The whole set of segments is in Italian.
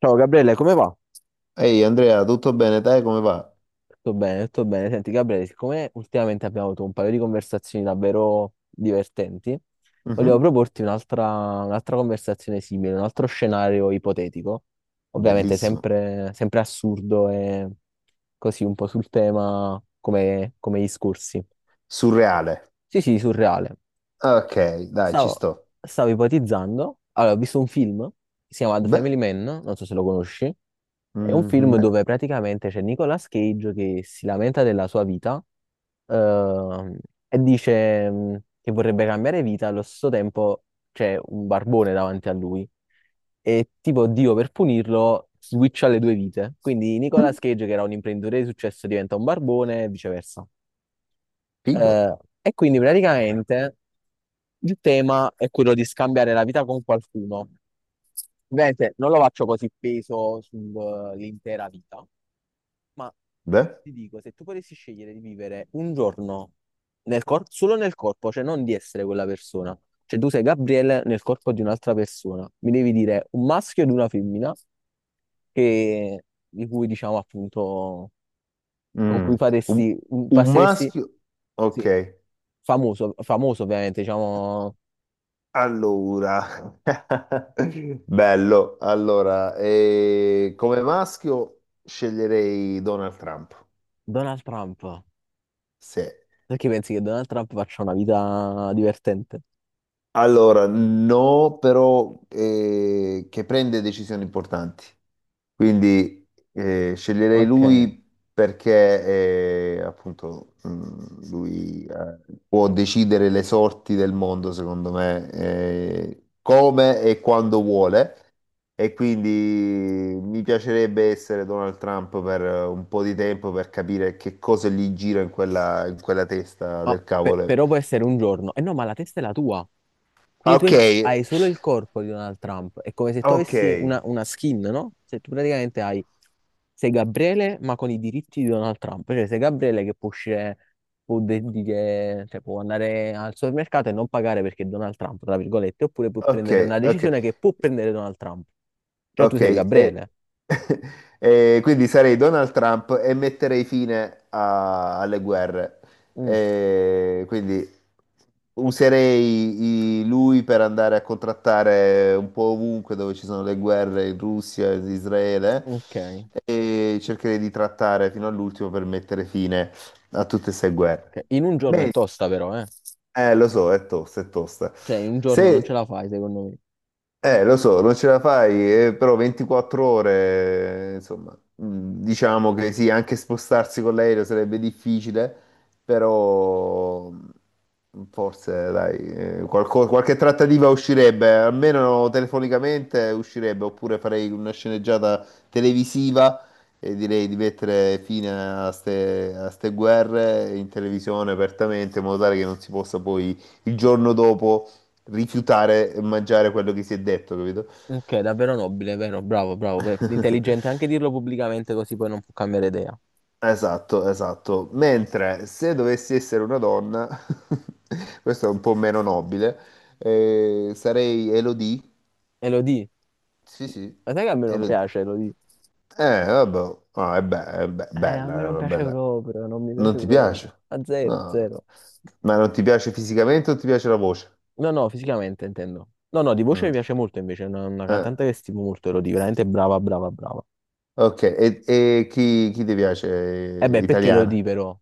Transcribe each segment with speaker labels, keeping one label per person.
Speaker 1: Ciao Gabriele, come va?
Speaker 2: Ehi Andrea, tutto bene? Te come va?
Speaker 1: Tutto bene, tutto bene. Senti Gabriele, siccome ultimamente abbiamo avuto un paio di conversazioni davvero divertenti, volevo
Speaker 2: Mhm.
Speaker 1: proporti un'altra conversazione simile, un altro scenario ipotetico, ovviamente
Speaker 2: Bellissimo,
Speaker 1: sempre assurdo e così un po' sul tema come gli scorsi.
Speaker 2: surreale.
Speaker 1: Sì, sì, surreale.
Speaker 2: Ok, dai, ci
Speaker 1: Stavo,
Speaker 2: sto.
Speaker 1: stavo ipotizzando, allora ho visto un film, si chiama The
Speaker 2: Beh,
Speaker 1: Family Man, non so se lo conosci, è un
Speaker 2: mhm,
Speaker 1: film
Speaker 2: beh,
Speaker 1: dove praticamente c'è Nicolas Cage che si lamenta della sua vita, ehm, e dice che vorrebbe cambiare vita. Allo stesso tempo c'è un barbone davanti a lui e tipo Dio per punirlo switcha le due vite, quindi
Speaker 2: mm,
Speaker 1: Nicolas Cage, che era un imprenditore di successo, diventa un barbone e viceversa.
Speaker 2: figo.
Speaker 1: Eh, e quindi praticamente il tema è quello di scambiare la vita con qualcuno. Ovviamente non lo faccio così peso sull'intera vita, ma
Speaker 2: Beh,
Speaker 1: ti dico, se tu potessi scegliere di vivere un giorno solo nel corpo, cioè non di essere quella persona, cioè tu sei Gabriele nel corpo di un'altra persona, mi devi dire un maschio ed una femmina che- di cui diciamo appunto con
Speaker 2: mm,
Speaker 1: cui
Speaker 2: un,
Speaker 1: faresti,
Speaker 2: un
Speaker 1: passeresti,
Speaker 2: maschio. Ok,
Speaker 1: sì, famoso, famoso ovviamente, diciamo
Speaker 2: allora. Bello. Allora, come maschio sceglierei Donald Trump.
Speaker 1: Donald Trump.
Speaker 2: Sì.
Speaker 1: Perché pensi che Donald Trump faccia una vita divertente?
Speaker 2: Allora, no, però che prende decisioni importanti. Quindi sceglierei
Speaker 1: Ok.
Speaker 2: lui perché appunto lui può decidere le sorti del mondo, secondo me, come e quando vuole. E quindi mi piacerebbe essere Donald Trump per un po' di tempo per capire che cosa gli gira in quella testa
Speaker 1: Ah,
Speaker 2: del cavolo.
Speaker 1: però può essere un giorno. E no, ma la testa è la tua. Quindi tu
Speaker 2: Ok,
Speaker 1: hai solo il corpo di Donald Trump. È come se tu
Speaker 2: ok,
Speaker 1: avessi una skin, no? Se tu praticamente hai... Sei Gabriele, ma con i diritti di Donald Trump. Cioè, sei Gabriele che può uscire, può dire, cioè, può andare al supermercato e non pagare perché è Donald Trump, tra virgolette, oppure può
Speaker 2: ok,
Speaker 1: prendere una
Speaker 2: ok.
Speaker 1: decisione che può prendere Donald Trump. Però tu
Speaker 2: Ok,
Speaker 1: sei
Speaker 2: e,
Speaker 1: Gabriele.
Speaker 2: e quindi sarei Donald Trump e metterei fine alle guerre.
Speaker 1: Mm,
Speaker 2: E quindi userei lui per andare a contrattare un po' ovunque dove ci sono le guerre in Russia, in Israele,
Speaker 1: ok.
Speaker 2: e cercherei di trattare fino all'ultimo per mettere fine a tutte queste guerre.
Speaker 1: Ok, in un giorno è
Speaker 2: Bene,
Speaker 1: tosta però, eh.
Speaker 2: lo so, è tosta, è tosta.
Speaker 1: Cioè, in un giorno non ce
Speaker 2: Se
Speaker 1: la fai, secondo
Speaker 2: lo so, non ce la fai, però 24 ore, insomma, mm, diciamo che sì, anche spostarsi con l'aereo sarebbe difficile, però mm, forse, dai, qualche trattativa uscirebbe, almeno telefonicamente uscirebbe, oppure farei una sceneggiata televisiva e direi di mettere fine a ste guerre in televisione apertamente, in modo tale che non si possa poi il giorno dopo rifiutare e mangiare quello che si è detto, capito?
Speaker 1: me. Ok, davvero nobile, vero? Bravo, bravo. Intelligente anche dirlo pubblicamente così poi non può cambiare idea.
Speaker 2: Esatto, esatto. Mentre se dovessi essere una donna, questo è un po' meno nobile, sarei Elodie.
Speaker 1: E lo di.
Speaker 2: Sì, sì,
Speaker 1: Ma sai che a me non
Speaker 2: Elodie.
Speaker 1: piace, lo di.
Speaker 2: Vabbè, ah, è, è
Speaker 1: A me
Speaker 2: bella, è
Speaker 1: non
Speaker 2: una
Speaker 1: piace
Speaker 2: bella.
Speaker 1: proprio, non mi
Speaker 2: Non
Speaker 1: piace
Speaker 2: ti
Speaker 1: proprio.
Speaker 2: piace?
Speaker 1: A zero,
Speaker 2: No.
Speaker 1: zero.
Speaker 2: Ma non ti piace fisicamente o ti piace la voce?
Speaker 1: No, no, fisicamente intendo. No, no, di voce mi
Speaker 2: Mm.
Speaker 1: piace molto invece, è una
Speaker 2: Eh,
Speaker 1: cantante che stimo molto, Elodie, veramente brava, brava, brava.
Speaker 2: ok, e chi, chi ti
Speaker 1: E
Speaker 2: piace?
Speaker 1: beh, perché
Speaker 2: Italiana?
Speaker 1: Elodie però?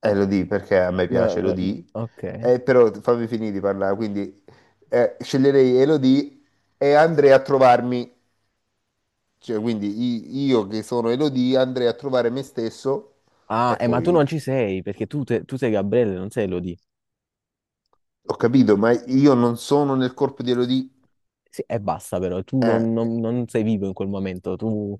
Speaker 2: Elodie perché a me
Speaker 1: Ma-
Speaker 2: piace
Speaker 1: ma- ma-
Speaker 2: Elodie,
Speaker 1: Ok.
Speaker 2: però fammi finire di parlare, quindi sceglierei Elodie e andrei a trovarmi, cioè quindi io che sono Elodie andrei a trovare me stesso
Speaker 1: Ah,
Speaker 2: e
Speaker 1: ma tu
Speaker 2: poi
Speaker 1: non ci sei, perché tu sei Gabriele, non sei Elodie.
Speaker 2: ho capito, ma io non sono nel corpo di Elodie,
Speaker 1: Sì, e basta però, tu
Speaker 2: eh,
Speaker 1: non, non- non sei vivo in quel momento, tu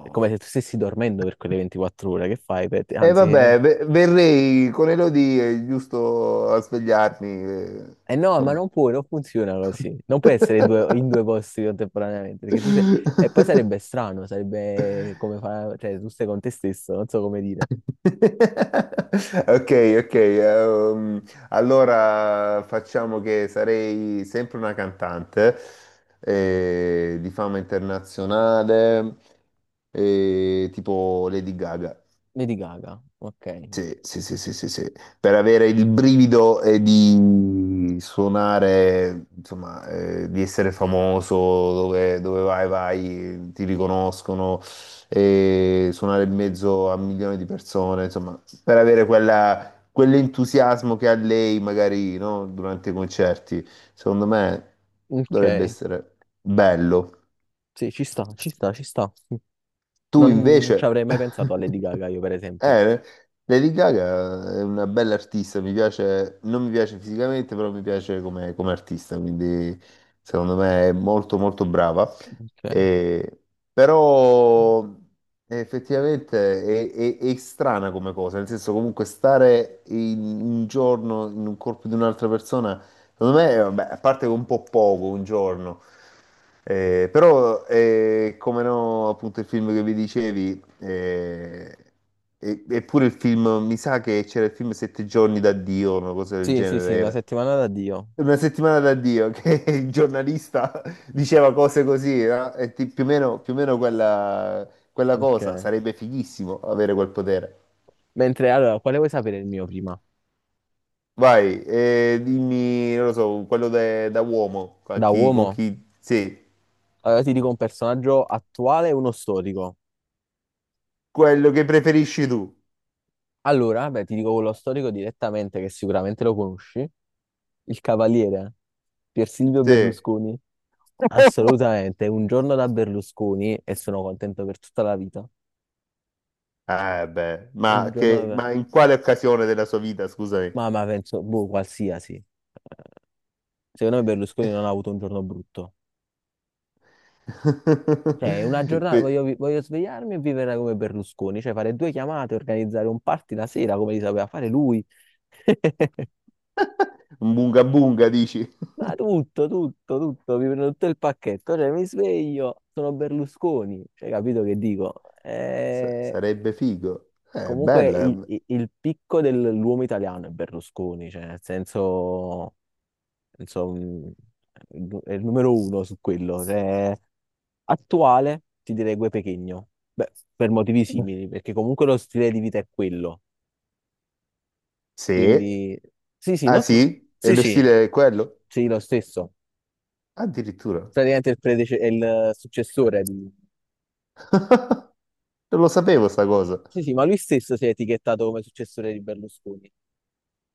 Speaker 1: è come se tu stessi dormendo per quelle 24 ore, che fai?
Speaker 2: E
Speaker 1: Anzi,
Speaker 2: vabbè, verrei con Elodie giusto a svegliarmi,
Speaker 1: eh no, ma
Speaker 2: insomma.
Speaker 1: non puoi, non funziona così, non puoi essere in due posti contemporaneamente, perché tu sei... E poi sarebbe strano, sarebbe come fa... cioè tu stai con te stesso, non so come dire.
Speaker 2: Ok, ok. Ehm, allora facciamo che sarei sempre una cantante di fama internazionale, tipo Lady Gaga.
Speaker 1: Lady Gaga, ok,
Speaker 2: Sì, sì, sì, sì, sì, sì. Per avere il brivido di suonare, insomma, di essere famoso, dove, dove vai, vai, ti riconoscono, e suonare in mezzo a milioni di persone, insomma, per avere quell'entusiasmo che ha lei magari, no, durante i concerti, secondo me dovrebbe
Speaker 1: ok,
Speaker 2: essere bello.
Speaker 1: sì, ci sta, ci sta, ci sta.
Speaker 2: Tu
Speaker 1: Non ci
Speaker 2: invece...
Speaker 1: avrei mai pensato a Lady Gaga io, per esempio.
Speaker 2: Eh, Lady Gaga è una bella artista, mi piace, non mi piace fisicamente, però mi piace come, come artista, quindi secondo me è molto molto brava.
Speaker 1: Ok.
Speaker 2: Eh, però effettivamente è strana come cosa, nel senso comunque stare in un giorno in un corpo di un'altra persona, secondo me, vabbè, a parte che è un po' poco, un giorno, però come no, appunto il film che vi dicevi, eppure il film, mi sa che c'era il film Sette giorni da Dio, una cosa del
Speaker 1: Sì, sì, sì,
Speaker 2: genere
Speaker 1: una
Speaker 2: era.
Speaker 1: settimana da Dio.
Speaker 2: Una settimana da Dio che il giornalista diceva cose così, no? E più o meno quella, quella cosa,
Speaker 1: Ok.
Speaker 2: sarebbe fighissimo avere quel potere.
Speaker 1: Mentre allora, quale vuoi sapere il mio prima?
Speaker 2: Vai, dimmi, non lo so, quello da uomo,
Speaker 1: Da
Speaker 2: con
Speaker 1: uomo?
Speaker 2: chi sì,
Speaker 1: Allora ti dico un personaggio attuale e uno storico.
Speaker 2: quello che preferisci tu,
Speaker 1: Allora, beh, ti dico quello storico direttamente che sicuramente lo conosci, il cavaliere Pier Silvio
Speaker 2: sì.
Speaker 1: Berlusconi. Assolutamente, un giorno da Berlusconi e sono contento per tutta la vita.
Speaker 2: Eh beh,
Speaker 1: Un giorno da...
Speaker 2: ma in quale occasione della sua vita, scusami?
Speaker 1: Ma penso, boh, qualsiasi. Secondo me Berlusconi non ha avuto un giorno brutto. Cioè, una giornata,
Speaker 2: Que-
Speaker 1: voglio, voglio svegliarmi e vivere come Berlusconi, cioè fare due chiamate, organizzare un party la sera come li sapeva fare lui.
Speaker 2: bunga bunga, dici?
Speaker 1: Ma tutto, tutto, tutto, mi prendo tutto il pacchetto, cioè mi sveglio, sono Berlusconi, cioè capito che dico?
Speaker 2: Sarebbe figo.
Speaker 1: Comunque
Speaker 2: Bella.
Speaker 1: il picco dell'uomo italiano è Berlusconi, cioè nel senso, insomma, è il numero uno su quello, cioè, attuale ti direi Gue Pechegno, beh, per motivi simili, perché comunque lo stile di vita è quello,
Speaker 2: Sì.
Speaker 1: quindi sì, sì,
Speaker 2: Ah
Speaker 1: no,
Speaker 2: sì? E
Speaker 1: sì,
Speaker 2: lo
Speaker 1: sì,
Speaker 2: stile è quello?
Speaker 1: sì, lo stesso.
Speaker 2: Addirittura.
Speaker 1: Praticamente è il successore di...
Speaker 2: Non lo sapevo sta cosa.
Speaker 1: Sì, sì, ma lui stesso si è etichettato come successore di Berlusconi.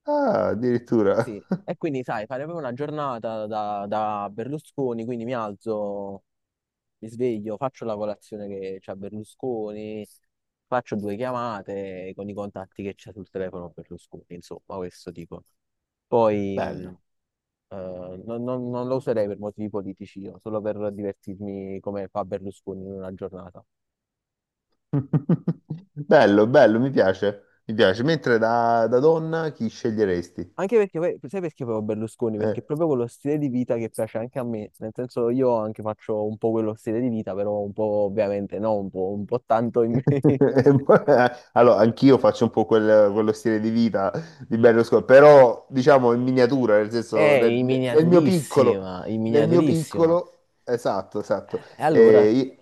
Speaker 2: Ah, addirittura.
Speaker 1: Sì, e quindi sai, fare proprio una giornata da Berlusconi, quindi mi alzo, mi sveglio, faccio la colazione che c'ha Berlusconi, faccio due chiamate con i contatti che c'ha sul telefono Berlusconi, insomma, questo dico. Poi
Speaker 2: Bello.
Speaker 1: non lo userei per motivi politici, io, solo per divertirmi come fa Berlusconi in una giornata.
Speaker 2: Bello, bello, mi piace. Mi piace. Mentre da donna chi sceglieresti?
Speaker 1: Anche perché poi, sai perché poi ho Berlusconi?
Speaker 2: Eh.
Speaker 1: Perché è proprio quello stile di vita che piace anche a me, nel senso io anche faccio un po' quello stile di vita, però un po' ovviamente no, un po' tanto in me.
Speaker 2: Allora, anch'io faccio un po' quello stile di vita di Berlusconi, però diciamo in miniatura, nel senso
Speaker 1: In miniaturissima, in
Speaker 2: nel mio
Speaker 1: miniaturissima.
Speaker 2: piccolo, esatto, esatto.
Speaker 1: E
Speaker 2: Eh,
Speaker 1: allora
Speaker 2: io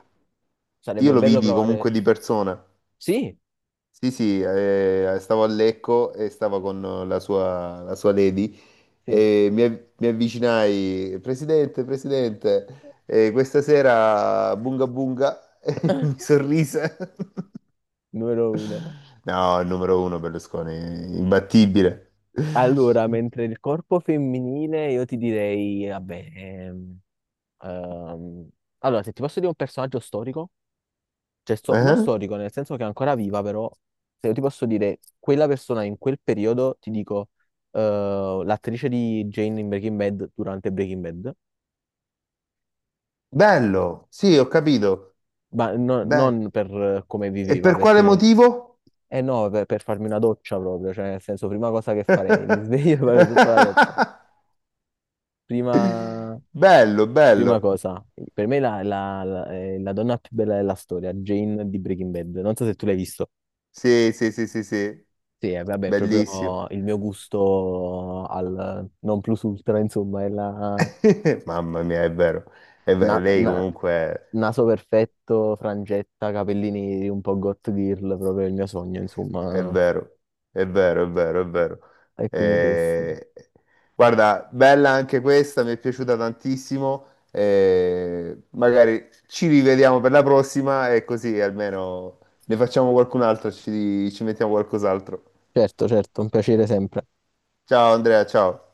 Speaker 2: io
Speaker 1: sarebbe
Speaker 2: lo
Speaker 1: bello
Speaker 2: vidi
Speaker 1: provare...
Speaker 2: comunque di persona.
Speaker 1: Sì,
Speaker 2: Sì, sì, stavo a Lecco e stavo con la sua lady
Speaker 1: sì,
Speaker 2: e mi, mi avvicinai, Presidente, Presidente, questa sera Bunga Bunga e mi sorrise.
Speaker 1: numero uno.
Speaker 2: No, il numero uno Berlusconi, imbattibile.
Speaker 1: Allora, mentre il corpo femminile, io ti direi, vabbè, ehm, allora, se ti posso dire un personaggio storico... cioè, non
Speaker 2: Eh?
Speaker 1: storico, nel senso che è ancora viva, però se io ti posso dire quella persona in quel periodo, ti dico l'attrice di Jane in Breaking Bad durante Breaking Bad,
Speaker 2: Bello, sì, ho capito.
Speaker 1: ma
Speaker 2: Beh,
Speaker 1: non per come
Speaker 2: e
Speaker 1: viveva,
Speaker 2: per quale
Speaker 1: perché
Speaker 2: motivo?
Speaker 1: eh no, per farmi una doccia proprio, cioè nel senso prima cosa che farei, mi sveglio e vado sotto la doccia. Prima,
Speaker 2: Bello,
Speaker 1: prima
Speaker 2: bello.
Speaker 1: cosa, per me è la donna più bella della storia, Jane di Breaking Bad, non so se tu l'hai visto.
Speaker 2: Sì, sì, sì, sì, sì,
Speaker 1: Sì, vabbè, è
Speaker 2: bellissimo.
Speaker 1: proprio il mio gusto al non plus ultra, insomma, è la
Speaker 2: Mamma mia, è vero. È vero,
Speaker 1: na-
Speaker 2: lei
Speaker 1: na-
Speaker 2: comunque
Speaker 1: naso perfetto, frangetta, capelli neri, un po' goth girl, proprio il mio sogno,
Speaker 2: è
Speaker 1: insomma.
Speaker 2: vero, è vero, è vero, è vero.
Speaker 1: E quindi questo.
Speaker 2: Eh, Guarda, bella anche questa, mi è piaciuta tantissimo. Magari ci rivediamo per la prossima e così almeno ne facciamo qualcun'altra, ci, ci mettiamo qualcos'altro.
Speaker 1: Certo, certo, un piacere sempre.
Speaker 2: Ciao Andrea, ciao.